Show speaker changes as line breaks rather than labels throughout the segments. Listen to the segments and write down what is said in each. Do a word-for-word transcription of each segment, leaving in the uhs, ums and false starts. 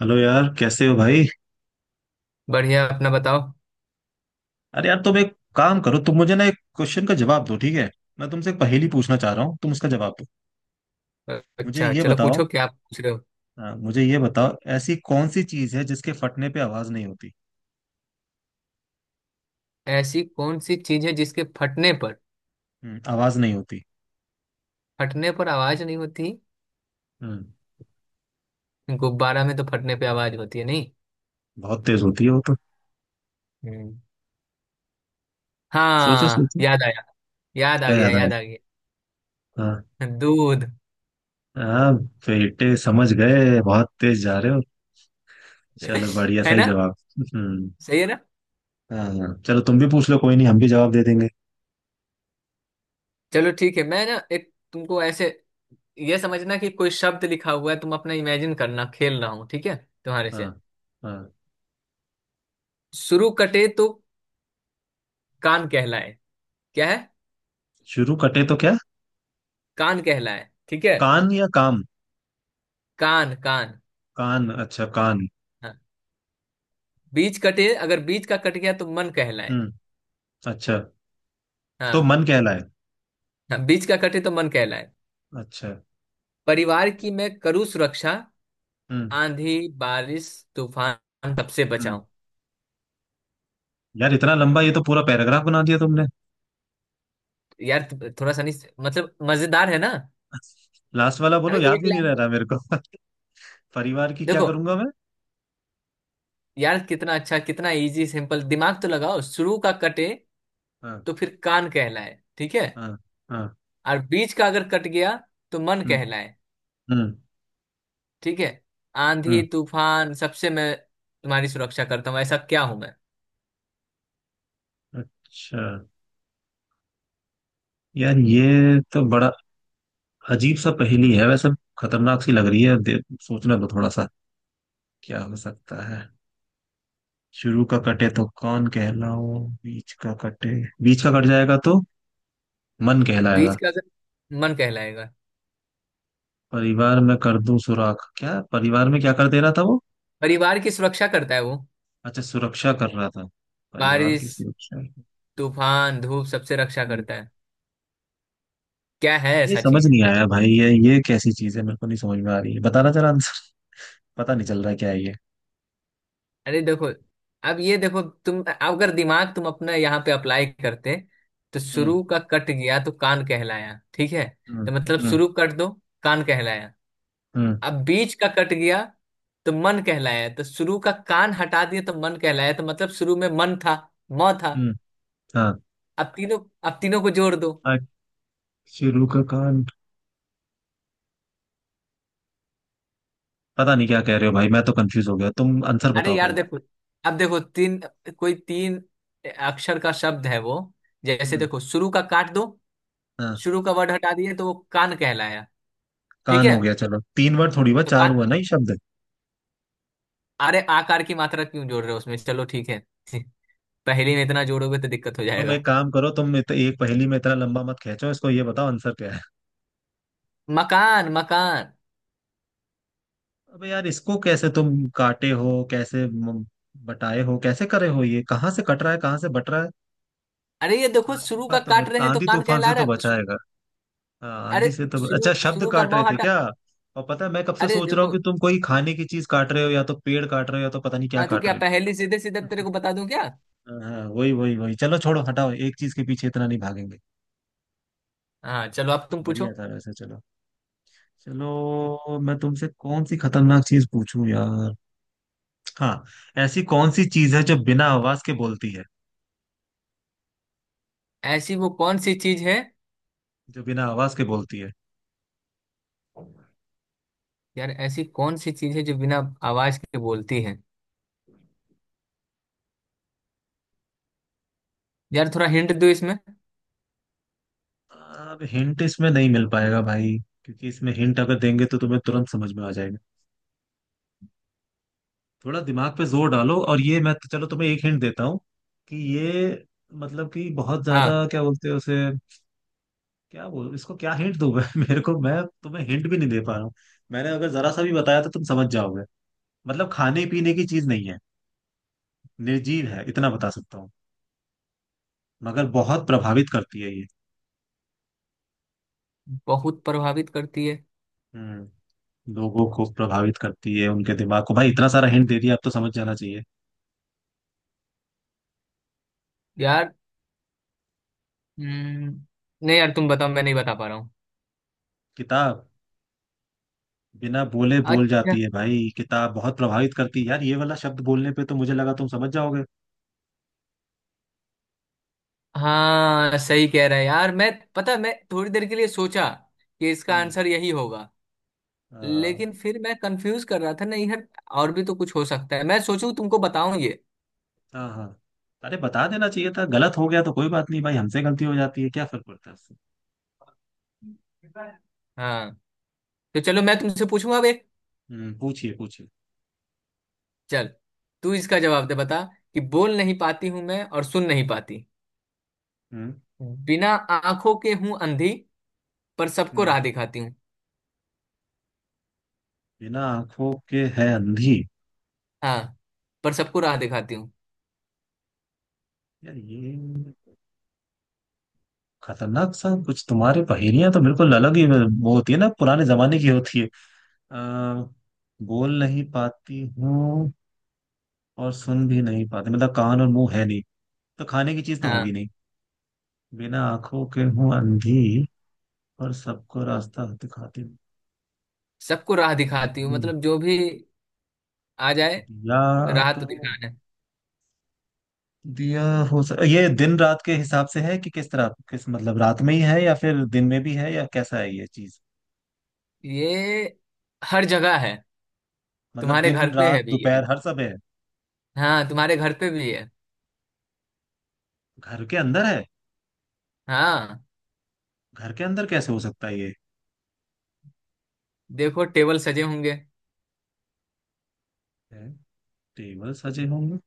Hello यार, कैसे हो भाई।
बढ़िया। अपना बताओ।
अरे यार, तुम एक काम करो। तुम मुझे ना एक क्वेश्चन का जवाब दो, ठीक है। मैं तुमसे एक पहेली पूछना चाह रहा हूँ, तुम उसका जवाब दो। मुझे
अच्छा
ये
चलो
बताओ।
पूछो। क्या पूछ रहे हो।
हाँ, मुझे ये बताओ, ऐसी कौन सी चीज है जिसके फटने पे आवाज नहीं होती।
ऐसी कौन सी चीज है जिसके फटने पर
हम्म, आवाज नहीं होती।
फटने पर आवाज नहीं होती।
हम्म।
गुब्बारा में तो फटने पे आवाज होती है नहीं।
बहुत तेज होती है वो तो।
हम्म।
सोचो
हाँ
सोचो।
याद आया। याद आ
क्या
गया,
याद आया।
याद आ गया।
हाँ
दूध।
हाँ। बेटे समझ गए, बहुत तेज जा रहे हो। चलो बढ़िया,
है
सही
ना।
जवाब। हम्म।
सही है ना।
हाँ हाँ, चलो तुम भी पूछ लो, कोई नहीं, हम भी जवाब दे देंगे।
चलो ठीक है, मैं ना एक तुमको ऐसे, ये समझना कि कोई शब्द लिखा हुआ है। तुम अपना इमेजिन करना, खेल रहा हूँ ठीक है। तुम्हारे से।
हाँ। हाँ।
शुरू कटे तो कान कहलाए। क्या है।
शुरू कटे तो क्या।
कान कहलाए ठीक है।
कान या काम।
कान कान।
कान, अच्छा कान।
हाँ। बीज कटे अगर बीज का कट गया तो मन कहलाए।
हम्म। अच्छा। तो
हाँ।
मन कहलाए।
हाँ, बीज का कटे तो मन कहलाए।
अच्छा।
परिवार की मैं करूँ सुरक्षा।
हम्म।
आंधी बारिश तूफान सबसे
हम्म।
बचाऊं।
यार इतना लंबा, ये तो पूरा पैराग्राफ बना दिया तुमने।
यार थोड़ा सा नहीं, मतलब मजेदार है ना।
लास्ट वाला बोलो,
अबे
याद
एक
भी नहीं रह
लाइन।
रहा मेरे को। परिवार की क्या
देखो
करूंगा मैं।
यार कितना अच्छा, कितना इजी सिंपल। दिमाग तो लगाओ, शुरू का कटे
हाँ।
तो फिर कान कहलाए ठीक है।
हाँ। हाँ।
और बीच का अगर कट गया तो मन
हम्म।
कहलाए
हम्म।
ठीक है। आंधी
हम्म।
तूफान सबसे मैं तुम्हारी सुरक्षा करता हूँ, ऐसा क्या हूं मैं।
अच्छा। यार ये तो बड़ा अजीब सा पहेली है वैसे। खतरनाक सी लग रही है, दे- सोचने दो थोड़ा सा। क्या हो सकता है। शुरू का कटे तो कौन कहलाओ, बीच का कटे, बीच का कट जाएगा तो मन
बीच
कहलाएगा।
का अगर मन कहलाएगा।
परिवार में कर दूं सुराख, क्या परिवार में क्या कर दे रहा था वो।
परिवार की सुरक्षा करता है वो।
अच्छा, सुरक्षा कर रहा था। परिवार की
बारिश
सुरक्षा।
तूफान धूप सबसे रक्षा
हम्म।
करता है। क्या है
ये
ऐसा
समझ
चीज।
नहीं आया भाई, ये ये कैसी चीज है, मेरे को नहीं समझ में आ रही है, बताना जरा आंसर। पता नहीं चल रहा है क्या है ये।
अरे देखो। अब ये देखो, तुम अगर दिमाग तुम अपना यहाँ पे अप्लाई करते तो
हम्म।
शुरू का कट गया तो कान कहलाया ठीक है।
हम्म।
तो मतलब
हम्म।
शुरू कट दो, कान कहलाया।
हम्म।
अब बीच का कट गया तो मन कहलाया। तो शुरू का कान हटा दिया तो मन कहलाया। तो मतलब शुरू में मन था, म था।
हम्म। हाँ।
अब तीनों अब तीनों को जोड़ दो।
आज। शुरू का कान। पता नहीं क्या कह रहे हो भाई, मैं तो कंफ्यूज हो गया, तुम आंसर
अरे
बताओ
यार
पहले।
देखो। अब देखो तीन कोई तीन अक्षर का शब्द है वो। जैसे
हम्म।
देखो शुरू का काट दो।
हाँ।
शुरू का वर्ड हटा दिए तो वो कान कहलाया ठीक
कान
है।
हो गया, चलो तीन वर्ड थोड़ी हुआ,
तो
चार
कान।
हुआ ना ये शब्द।
अरे आकार की मात्रा क्यों जोड़ रहे हो उसमें। चलो ठीक है पहेली में इतना जोड़ोगे तो दिक्कत हो
तुम
जाएगा।
एक काम करो, तुम इत, एक पहेली में इतना लंबा मत खींचो इसको, ये बताओ आंसर क्या है।
मकान मकान।
अबे यार, इसको कैसे तुम काटे हो, कैसे म- बटाए हो, कैसे करे हो, ये कहाँ से कट रहा है, कहाँ से बट रहा है।
अरे ये देखो,
हाँ ये
शुरू का
बात तो है,
काट रहे हैं तो
आंधी
कान
तूफान
कहला
से तो
रहा है। शु-
बचाएगा। हाँ,
अरे
आंधी से तो
शुरू
अच्छा, शब्द
शुरू का
काट रहे
म
थे
हटा।
क्या। और पता है, मैं कब से
अरे
सोच रहा हूँ
देखो।
कि तुम कोई खाने की चीज काट रहे हो या तो पेड़ काट रहे हो या तो पता नहीं क्या
हाँ तो
काट
क्या
रहे
पहेली सीधे सीधे तेरे
हो।
को बता दूं क्या।
हाँ वही वही वही, चलो छोड़ो हटाओ, एक चीज के पीछे इतना नहीं भागेंगे।
हाँ चलो, अब तुम पूछो।
बढ़िया था वैसे, चलो। चलो मैं तुमसे कौन सी खतरनाक चीज पूछूं यार। हाँ। ऐसी कौन सी चीज है जो बिना आवाज के बोलती है।
ऐसी वो कौन सी चीज है।
जो बिना आवाज के बोलती है।
यार ऐसी कौन सी चीज है जो बिना आवाज के बोलती है। यार थोड़ा हिंट दो इसमें।
अब हिंट इसमें नहीं मिल पाएगा भाई, क्योंकि इसमें हिंट अगर देंगे तो तुम्हें तुरंत समझ में आ जाएगा। थोड़ा दिमाग पे जोर डालो, और ये मैं तो, चलो तुम्हें एक हिंट देता हूँ, कि ये, मतलब कि बहुत
हाँ।
ज्यादा क्या बोलते हैं उसे। क्या बोल, इसको क्या हिंट दूं मैं। मेरे को, मैं तुम्हें हिंट भी नहीं दे पा रहा हूँ। मैंने अगर जरा सा भी बताया तो तुम समझ जाओगे। मतलब खाने पीने की चीज नहीं है, निर्जीव है, इतना बता सकता हूँ। मगर बहुत प्रभावित करती है ये।
बहुत प्रभावित करती है।
हम्म। लोगों को प्रभावित करती है, उनके दिमाग को, भाई इतना सारा हिंट दे दिया, अब तो समझ जाना चाहिए।
यार हम्म। नहीं यार तुम बताओ, मैं नहीं बता पा रहा हूँ।
किताब। बिना बोले बोल
अच्छा।
जाती है भाई, किताब बहुत प्रभावित करती है यार, ये वाला शब्द बोलने पे तो मुझे लगा तुम समझ जाओगे।
हाँ सही कह रहा है यार। मैं पता, मैं थोड़ी देर के लिए सोचा कि इसका
हम्म।
आंसर यही होगा।
आ,
लेकिन फिर मैं कंफ्यूज कर रहा था। नहीं यार, और भी तो कुछ हो सकता है। मैं सोचूं तुमको बताऊं ये।
हाँ हाँ। अरे बता देना चाहिए था, गलत हो गया तो कोई बात नहीं, भाई हमसे गलती हो जाती है, क्या फर्क पड़ता है उससे।
हाँ। तो चलो मैं तुमसे पूछूंगा अब एक।
हम्म, पूछिए पूछिए।
चल, तू इसका जवाब दे, बता। कि बोल नहीं पाती हूं मैं और सुन नहीं पाती,
हम्म।
बिना आंखों के हूं अंधी, पर सबको
हम्म।
राह दिखाती हूँ।
बिना आंखों के है अंधी।
हाँ, पर सबको राह दिखाती हूँ।
यार ये खतरनाक सा कुछ, तुम्हारे पहेलियां तो बिल्कुल अलग ही वो होती है ना, पुराने जमाने की होती है। अ, बोल नहीं पाती हूँ और सुन भी नहीं पाती, मतलब कान और मुंह है नहीं, तो खाने की चीज तो होगी
हाँ,
नहीं। बिना आंखों के हूँ अंधी और सबको रास्ता दिखाती हूँ।
सबको राह दिखाती हूँ
अंधी।
मतलब जो भी आ जाए
दिया
राह तो
तो,
दिखाना है।
दिया। हो सक... ये दिन रात के हिसाब से है, कि किस तरह, किस मतलब रात में ही है या फिर दिन में भी है, या कैसा है ये चीज।
ये हर जगह है।
मतलब
तुम्हारे घर
दिन
पे
रात
है भी ये।
दोपहर हर सब है।
हाँ, तुम्हारे घर पे भी है।
घर के अंदर है।
हाँ
घर के अंदर कैसे हो सकता है ये।
देखो टेबल सजे होंगे।
है, टेबल सजे होंगे।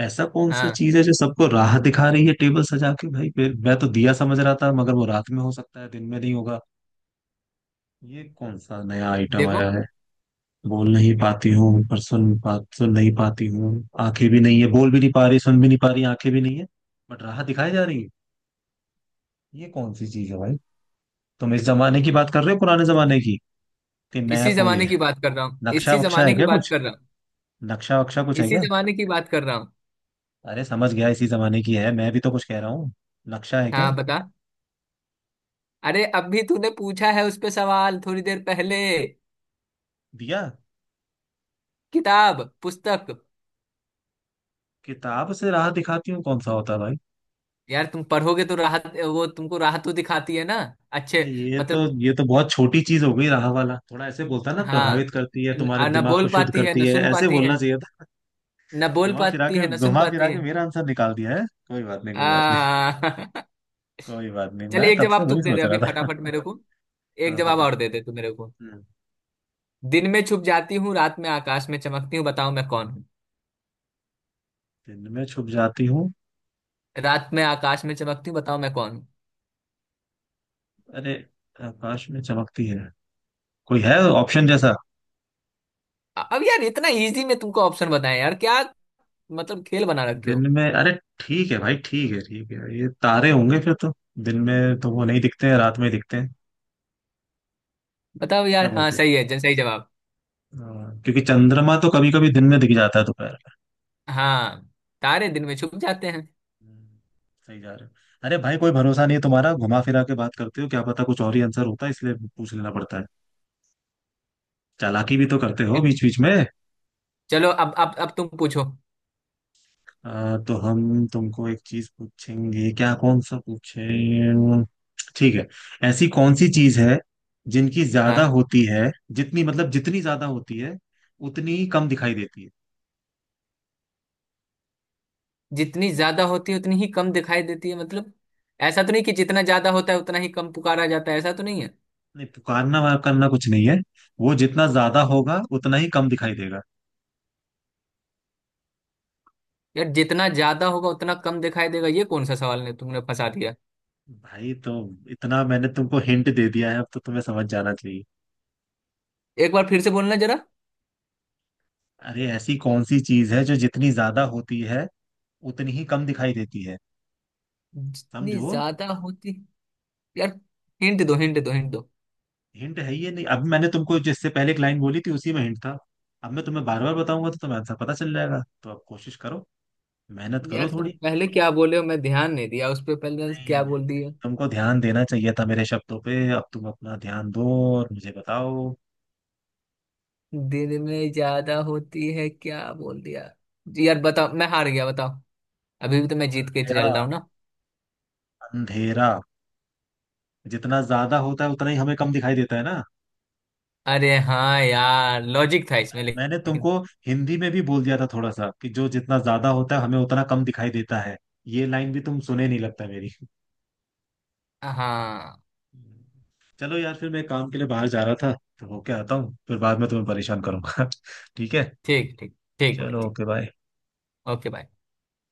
ऐसा कौन सा
हाँ
चीज है जो सबको राह दिखा रही है टेबल सजा के, भाई फिर मैं तो दिया समझ रहा था, मगर वो रात में हो सकता है, दिन में नहीं होगा। ये कौन सा नया आइटम आया
देखो।
है। बोल नहीं पाती हूँ, पर सुन पा सुन नहीं पाती हूँ, आंखें भी नहीं है, बोल भी नहीं पा रही, सुन भी नहीं पा रही, आंखें भी नहीं है, बट राह दिखाई जा रही है, ये कौन सी चीज है भाई। तुम इस जमाने की बात कर रहे हो पुराने जमाने की, कि
इसी
मैप हो ये।
जमाने की बात कर रहा हूँ
नक्शा
इसी
वक्शा है
जमाने की
क्या
बात
कुछ।
कर रहा हूँ
नक्शा वक्शा कुछ है
इसी
क्या।
जमाने की बात कर रहा हूँ।
अरे समझ गया, इसी जमाने की है, मैं भी तो कुछ कह रहा हूँ, नक्शा है क्या।
हाँ बता। अरे अभी तूने पूछा है उस पे सवाल थोड़ी देर पहले।
दिया।
किताब, पुस्तक।
किताब से राह दिखाती हूँ, कौन सा होता है भाई।
यार तुम पढ़ोगे तो राहत वो तुमको राहत तो दिखाती है ना।
अरे
अच्छे।
ये तो,
मतलब।
ये तो बहुत छोटी चीज हो गई, राह वाला थोड़ा ऐसे बोलता ना, प्रभावित
हाँ।
करती है
न,
तुम्हारे
न
दिमाग को,
बोल
शुद्ध
पाती है
करती
न
है,
सुन
ऐसे
पाती है।
बोलना चाहिए था।
न बोल
घुमा फिरा
पाती
के,
है न सुन
घुमा फिरा
पाती
के
है।
मेरा आंसर निकाल दिया है, कोई बात नहीं, कोई
आ
बात नहीं। कोई बात नहीं,
चले
मैं
एक
तब से
जवाब
वही
तुम दे दे
सोच
अभी
रहा
फटाफट
था।
मेरे को। एक
हाँ
जवाब
बता।
और दे दे तू मेरे को।
हम्म,
दिन में छुप जाती हूँ, रात में आकाश में चमकती हूँ, बताओ मैं कौन हूँ।
दिन में छुप जाती हूँ।
रात में आकाश में चमकती हूँ, बताओ मैं कौन हूँ।
अरे, आकाश में चमकती है, कोई है ऑप्शन जैसा।
अब यार इतना इजी में तुमको ऑप्शन बताएं यार क्या। मतलब खेल बना रखे
दिन
हो।
में अरे, ठीक है भाई, ठीक है ठीक है, ये तारे होंगे फिर तो, दिन में तो वो नहीं दिखते हैं, रात में दिखते हैं।
बताओ यार।
क्या
हाँ
बोलते हो।
सही है। ज- सही जवाब।
हाँ, क्योंकि चंद्रमा तो कभी कभी दिन में दिख जाता है, दोपहर में।
हाँ, तारे दिन में छुप जाते हैं।
हम्म, सही जा रहे हो। अरे भाई, कोई भरोसा नहीं है तुम्हारा, घुमा फिरा के बात करते हो, क्या पता कुछ और ही आंसर होता है, इसलिए पूछ लेना पड़ता है। चालाकी भी तो करते हो बीच बीच में।
चलो अब अब अब तुम पूछो।
आ, तो हम तुमको एक चीज पूछेंगे, क्या कौन सा पूछे। ठीक है। ऐसी कौन सी चीज है जिनकी ज्यादा
हाँ।
होती है, जितनी मतलब जितनी ज्यादा होती है उतनी ही कम दिखाई देती है।
जितनी ज्यादा होती है उतनी ही कम दिखाई देती है मतलब। ऐसा तो नहीं कि जितना ज्यादा होता है उतना ही कम पुकारा जाता है, ऐसा तो नहीं है।
नहीं, पुकारना वार करना कुछ नहीं है, वो जितना ज्यादा होगा उतना ही कम दिखाई देगा।
यार जितना ज्यादा होगा उतना कम दिखाई देगा, ये कौन सा सवाल ने तुमने फंसा दिया।
भाई तो इतना मैंने तुमको हिंट दे दिया है, अब तो तुम्हें समझ जाना चाहिए।
एक बार फिर से बोलना जरा।
अरे ऐसी कौन सी चीज है जो जितनी ज्यादा होती है उतनी ही कम दिखाई देती है।
जितनी
समझो।
ज्यादा होती। यार हिंट दो, हिंट दो, हिंट दो।
हिंट है ये, नहीं अब मैंने तुमको जिससे पहले एक लाइन बोली थी, उसी में हिंट था। अब मैं तुम्हें बार बार बताऊंगा तो तुम्हें आंसर पता चल जाएगा, तो अब कोशिश करो, मेहनत करो
यार तुम
थोड़ी।
पहले क्या बोले हो, मैं ध्यान नहीं दिया उस पर। पहले
नहीं नहीं
क्या बोल
नहीं,
दिया।
तुमको ध्यान देना चाहिए था मेरे शब्दों पे, अब तुम अपना ध्यान दो और मुझे बताओ।
दिन में ज्यादा होती है क्या बोल दिया। जी यार बताओ, मैं हार गया, बताओ। अभी भी तो मैं जीत के
अंधेरा।
चल रहा हूँ ना।
अंधेरा जितना ज्यादा होता है उतना ही हमें कम दिखाई देता है ना।
अरे हाँ यार, लॉजिक था इसमें
यार मैंने
लेकिन।
तुमको हिंदी में भी बोल दिया था थोड़ा सा, कि जो जितना ज्यादा होता है हमें उतना कम दिखाई देता है, ये लाइन भी तुम सुने नहीं लगता मेरी।
हाँ।
चलो यार, फिर मैं काम के लिए बाहर जा रहा था, तो होके आता हूँ, फिर बाद में तुम्हें परेशान करूंगा। ठीक है।
ठीक, ठीक, ठीक भाई,
चलो
ठीक।
Okay bye.
ओके भाई।